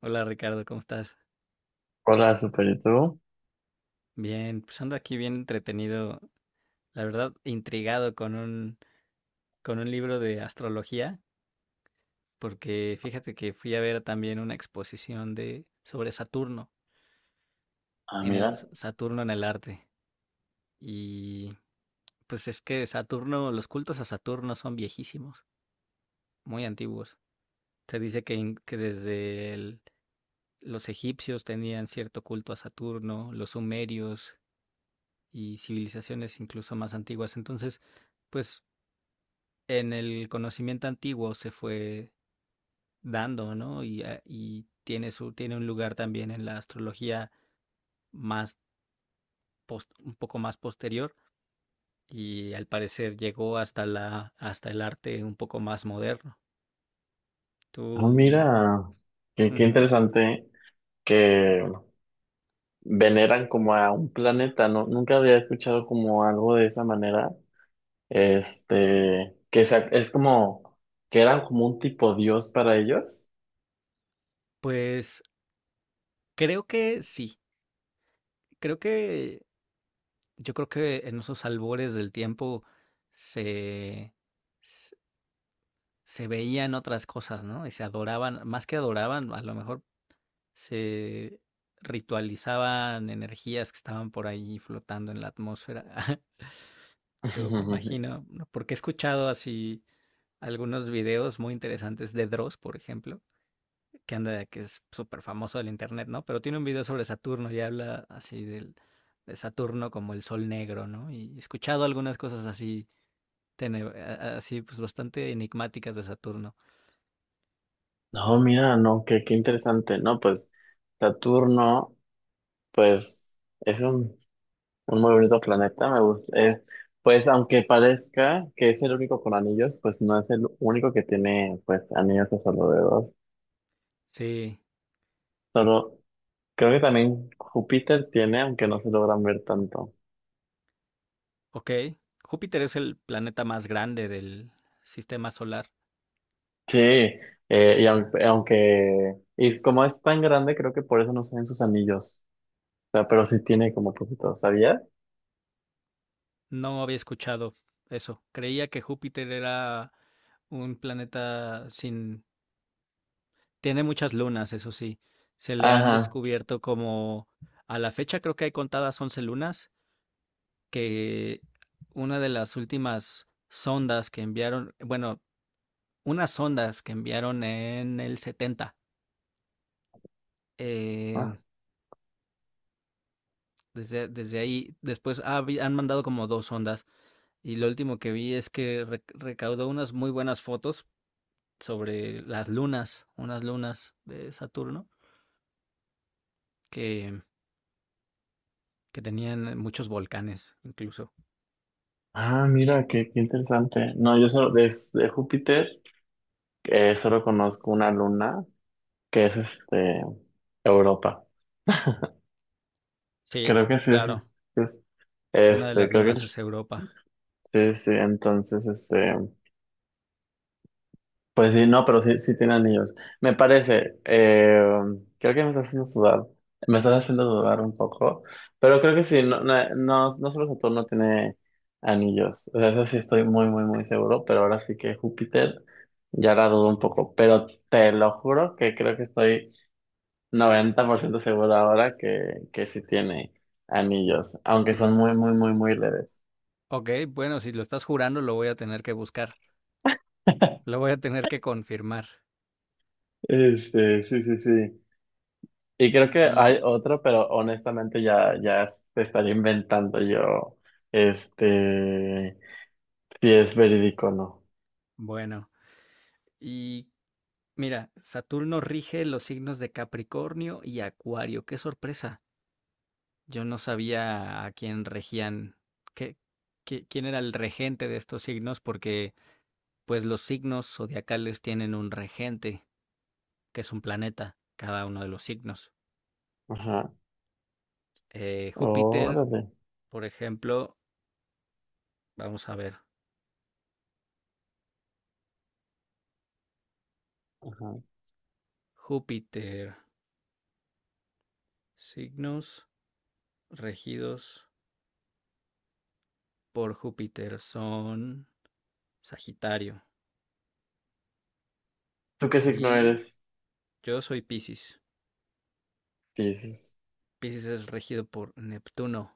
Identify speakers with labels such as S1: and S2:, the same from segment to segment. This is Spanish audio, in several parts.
S1: Hola Ricardo, ¿cómo estás?
S2: Hola, super YouTube.
S1: Bien, pues ando aquí bien entretenido, la verdad intrigado con un libro de astrología, porque fíjate que fui a ver también una exposición de sobre Saturno
S2: Ah,
S1: en el
S2: mira.
S1: Saturno en el arte. Y pues es que Saturno, los cultos a Saturno son viejísimos, muy antiguos. Se dice que desde los egipcios tenían cierto culto a Saturno, los sumerios y civilizaciones incluso más antiguas. Entonces, pues en el conocimiento antiguo se fue dando, ¿no? Y tiene un lugar también en la astrología más un poco más posterior, y al parecer llegó hasta el arte un poco más moderno.
S2: Ah,
S1: Tú.
S2: mira. Qué
S1: Ujú.
S2: interesante que veneran como a un planeta, ¿no? Nunca había escuchado como algo de esa manera. Este, es como que eran como un tipo dios para ellos.
S1: Pues creo que sí, creo que yo creo que en esos albores del tiempo se, se se veían otras cosas, ¿no? Y se adoraban, más que adoraban, a lo mejor se ritualizaban energías que estaban por ahí flotando en la atmósfera. Yo me imagino, ¿no?, porque he escuchado así algunos videos muy interesantes de Dross, por ejemplo, que es súper famoso del internet, ¿no? Pero tiene un video sobre Saturno y habla así de Saturno como el sol negro, ¿no? Y he escuchado algunas cosas así, tene- a- así pues bastante enigmáticas de Saturno.
S2: No, mira, no, qué interesante. No, pues Saturno, pues es un muy bonito planeta, me gusta. Pues aunque parezca que es el único con anillos, pues no es el único que tiene pues anillos a su alrededor.
S1: Sí,
S2: Solo creo que también Júpiter tiene, aunque no se logran ver tanto.
S1: ok. Júpiter es el planeta más grande del sistema solar.
S2: Sí, y aunque y como es tan grande, creo que por eso no se ven sus anillos. O sea, pero sí tiene como poquito, ¿sabías?
S1: No había escuchado eso. Creía que Júpiter era un planeta sin. Tiene muchas lunas, eso sí. Se le han
S2: Ajá.
S1: descubierto como. A la fecha creo que hay contadas 11 lunas, que una de las últimas sondas que enviaron, bueno, unas sondas que enviaron en el 70, eh,
S2: Ah,
S1: desde ahí, después han mandado como dos sondas, y lo último que vi es que recaudó unas muy buenas fotos sobre las lunas, unas lunas de Saturno que, que tenían muchos volcanes incluso.
S2: ah, mira, qué interesante. No, yo solo de Júpiter solo conozco una luna que es este Europa.
S1: Sí,
S2: Creo que sí es,
S1: claro,
S2: es-
S1: una de
S2: este,
S1: las
S2: creo que
S1: lunas es Europa.
S2: sí, sí, entonces este, pues sí, no, pero sí, sí tiene anillos. Me parece, creo que me estás haciendo sudar, me estás haciendo dudar un poco, pero creo que sí, no solo Saturno tiene anillos, o sea, eso sí estoy muy, muy, muy seguro, pero ahora sí que Júpiter ya la dudo un poco, pero te lo juro que creo que estoy 90% seguro ahora que sí tiene anillos, aunque son
S1: Pues,
S2: muy, muy, muy, muy leves.
S1: ok, bueno, si lo estás jurando lo voy a tener que buscar, lo voy a tener que confirmar.
S2: Este, sí, sí, sí. Y creo que
S1: Y
S2: hay otro, pero honestamente ya te estaría inventando yo, este, si es verídico o no.
S1: bueno, y mira, Saturno rige los signos de Capricornio y Acuario. Qué sorpresa. Yo no sabía a quién regían, qué, quién era el regente de estos signos, porque pues los signos zodiacales tienen un regente, que es un planeta, cada uno de los signos.
S2: Ajá.
S1: Júpiter,
S2: Órale.
S1: por ejemplo, vamos a ver,
S2: Ajá.
S1: Júpiter, signos regidos por Júpiter son Sagitario,
S2: ¿Tú qué signo
S1: y
S2: eres?
S1: yo soy Piscis.
S2: Piscis.
S1: Piscis es regido por Neptuno,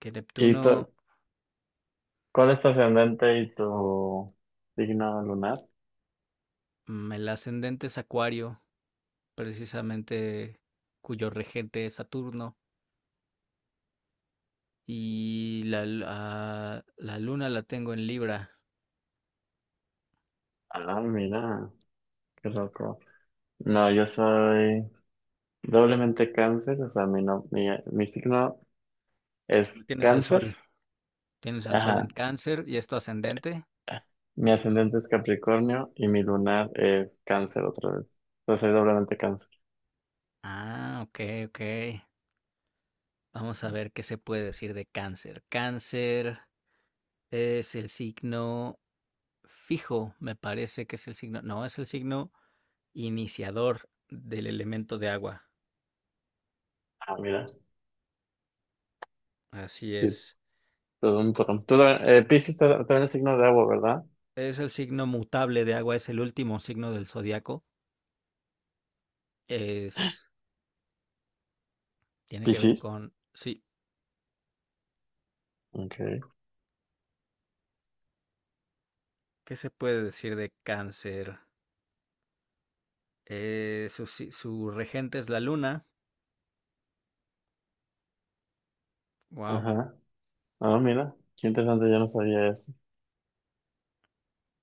S1: que
S2: ¿Y
S1: Neptuno,
S2: tú, cuál es tu ascendente y tu signo lunar?
S1: el ascendente es Acuario, precisamente cuyo regente es Saturno. Y la luna la tengo en Libra,
S2: Ah, mira, qué loco. No, yo soy doblemente cáncer, o sea, mi, no- mi signo
S1: donde
S2: es
S1: tienes al sol.
S2: cáncer,
S1: Tienes al sol en
S2: ajá,
S1: Cáncer y es tu ascendente.
S2: mi ascendente es Capricornio y mi lunar es cáncer otra vez. Entonces soy doblemente cáncer.
S1: Ah, ok, ok. Vamos a ver qué se puede decir de Cáncer. Cáncer es el signo fijo, me parece que es el signo. No, es el signo iniciador del elemento de agua.
S2: Ah, mira,
S1: Así
S2: sí,
S1: es.
S2: todo un poco. Tú, también es signo de agua, ¿verdad?
S1: Es el signo mutable de agua, es el último signo del zodiaco. Es, tiene que ver
S2: Piscis.
S1: con, sí,
S2: Ok.
S1: ¿qué se puede decir de Cáncer? Su, si- su regente es la luna. Wow,
S2: Ajá. Ah, mira, qué interesante, yo no sabía eso.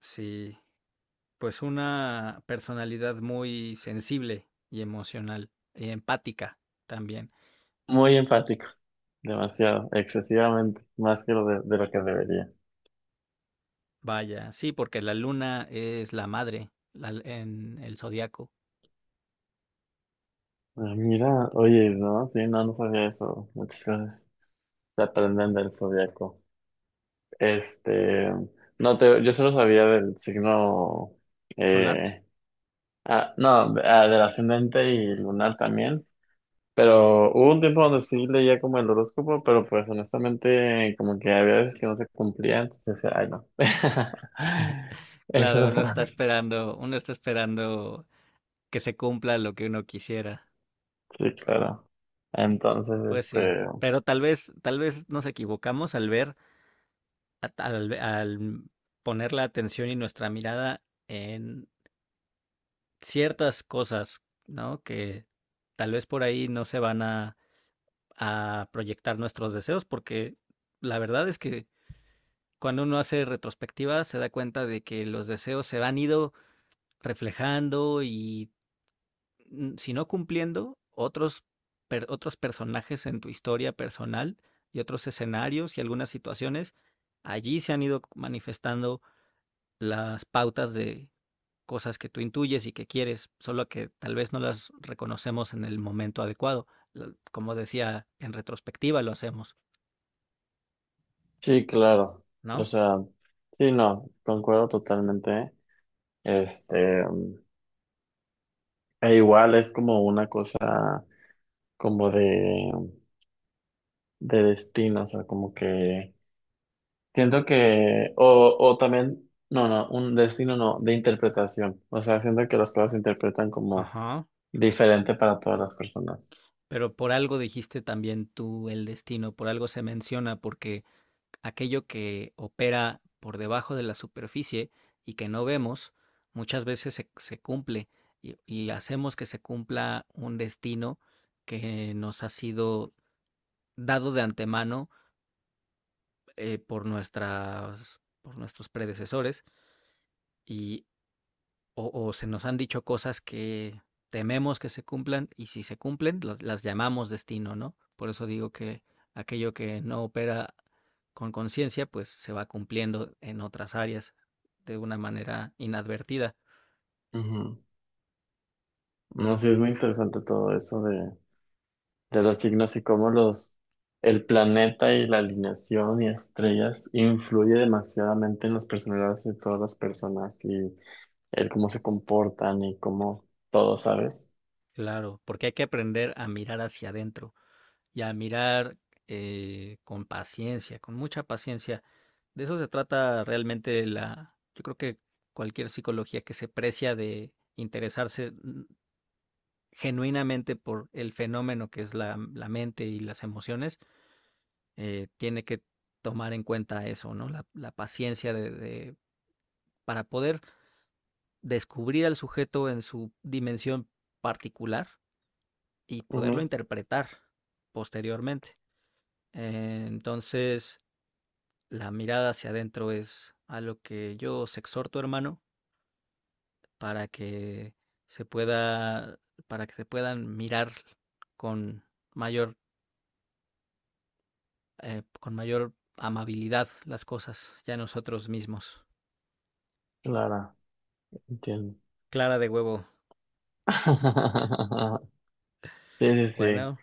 S1: sí. Pues una personalidad muy sensible y emocional, y empática también.
S2: Muy enfático, demasiado, excesivamente, más que lo de lo que debería.
S1: Vaya, sí, porque la luna es la madre en el zodiaco
S2: Ah, mira, oye, no, sí, no, no sabía eso. Muchas cosas se aprenden del zodiaco. Este, no te, yo solo sabía del signo,
S1: solar.
S2: eh, ah, no, ah, del ascendente y lunar también, pero hubo un tiempo donde sí leía como el horóscopo, pero pues honestamente como que había veces que no se cumplía, entonces decía, ay no. Eso no
S1: Claro,
S2: es
S1: uno
S2: para
S1: está
S2: mí.
S1: esperando, uno está esperando que se cumpla lo que uno quisiera.
S2: Sí, claro. Entonces,
S1: Pues sí.
S2: este,
S1: Pero tal vez nos equivocamos al ver al poner la atención y nuestra mirada en ciertas cosas, ¿no? Que tal vez por ahí no se van a proyectar nuestros deseos, porque la verdad es que cuando uno hace retrospectiva se da cuenta de que los deseos se han ido reflejando y, si no cumpliendo, otros personajes en tu historia personal y otros escenarios y algunas situaciones allí se han ido manifestando las pautas de cosas que tú intuyes y que quieres, solo que tal vez no las reconocemos en el momento adecuado. Como decía, en retrospectiva lo hacemos,
S2: sí, claro. O
S1: ¿no?
S2: sea, sí, no, concuerdo totalmente. Este, e igual es como una cosa, como de destino, o sea, como que siento que, o también, no, no, un destino no, de interpretación, o sea, siento que las cosas se interpretan como
S1: Ajá.
S2: diferente para todas las personas.
S1: Pero por algo dijiste también tú el destino, por algo se menciona, porque aquello que opera por debajo de la superficie y que no vemos, muchas veces se cumple, y hacemos que se cumpla un destino que nos ha sido dado de antemano, por nuestros predecesores, y se nos han dicho cosas que tememos que se cumplan, y si se cumplen las llamamos destino, ¿no? Por eso digo que aquello que no opera con conciencia pues se va cumpliendo en otras áreas de una manera inadvertida.
S2: Ujú. No, sí, es muy interesante todo eso de los signos y cómo los, el planeta y la alineación y estrellas influye demasiadamente en las personalidades de todas las personas y el cómo se comportan y cómo todo, ¿sabes?
S1: Claro, porque hay que aprender a mirar hacia adentro y a mirar, con paciencia, con mucha paciencia. De eso se trata realmente yo creo que cualquier psicología que se precia de interesarse, genuinamente por el fenómeno que es la mente y las emociones, tiene que tomar en cuenta eso, ¿no? La paciencia para poder descubrir al sujeto en su dimensión particular y poderlo
S2: Ujú.
S1: interpretar posteriormente. Entonces, la mirada hacia adentro es a lo que yo os exhorto, hermano, para que se pueda, para que se puedan mirar con mayor, con mayor amabilidad las cosas, ya nosotros mismos.
S2: Clara, entiendo.
S1: Clara de huevo.
S2: Sí, sí, sí.
S1: Bueno,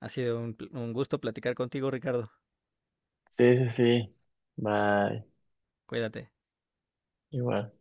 S1: ha sido un gusto platicar contigo, Ricardo.
S2: Sí, sí, sí. Bye.
S1: Cuídate.
S2: Igual.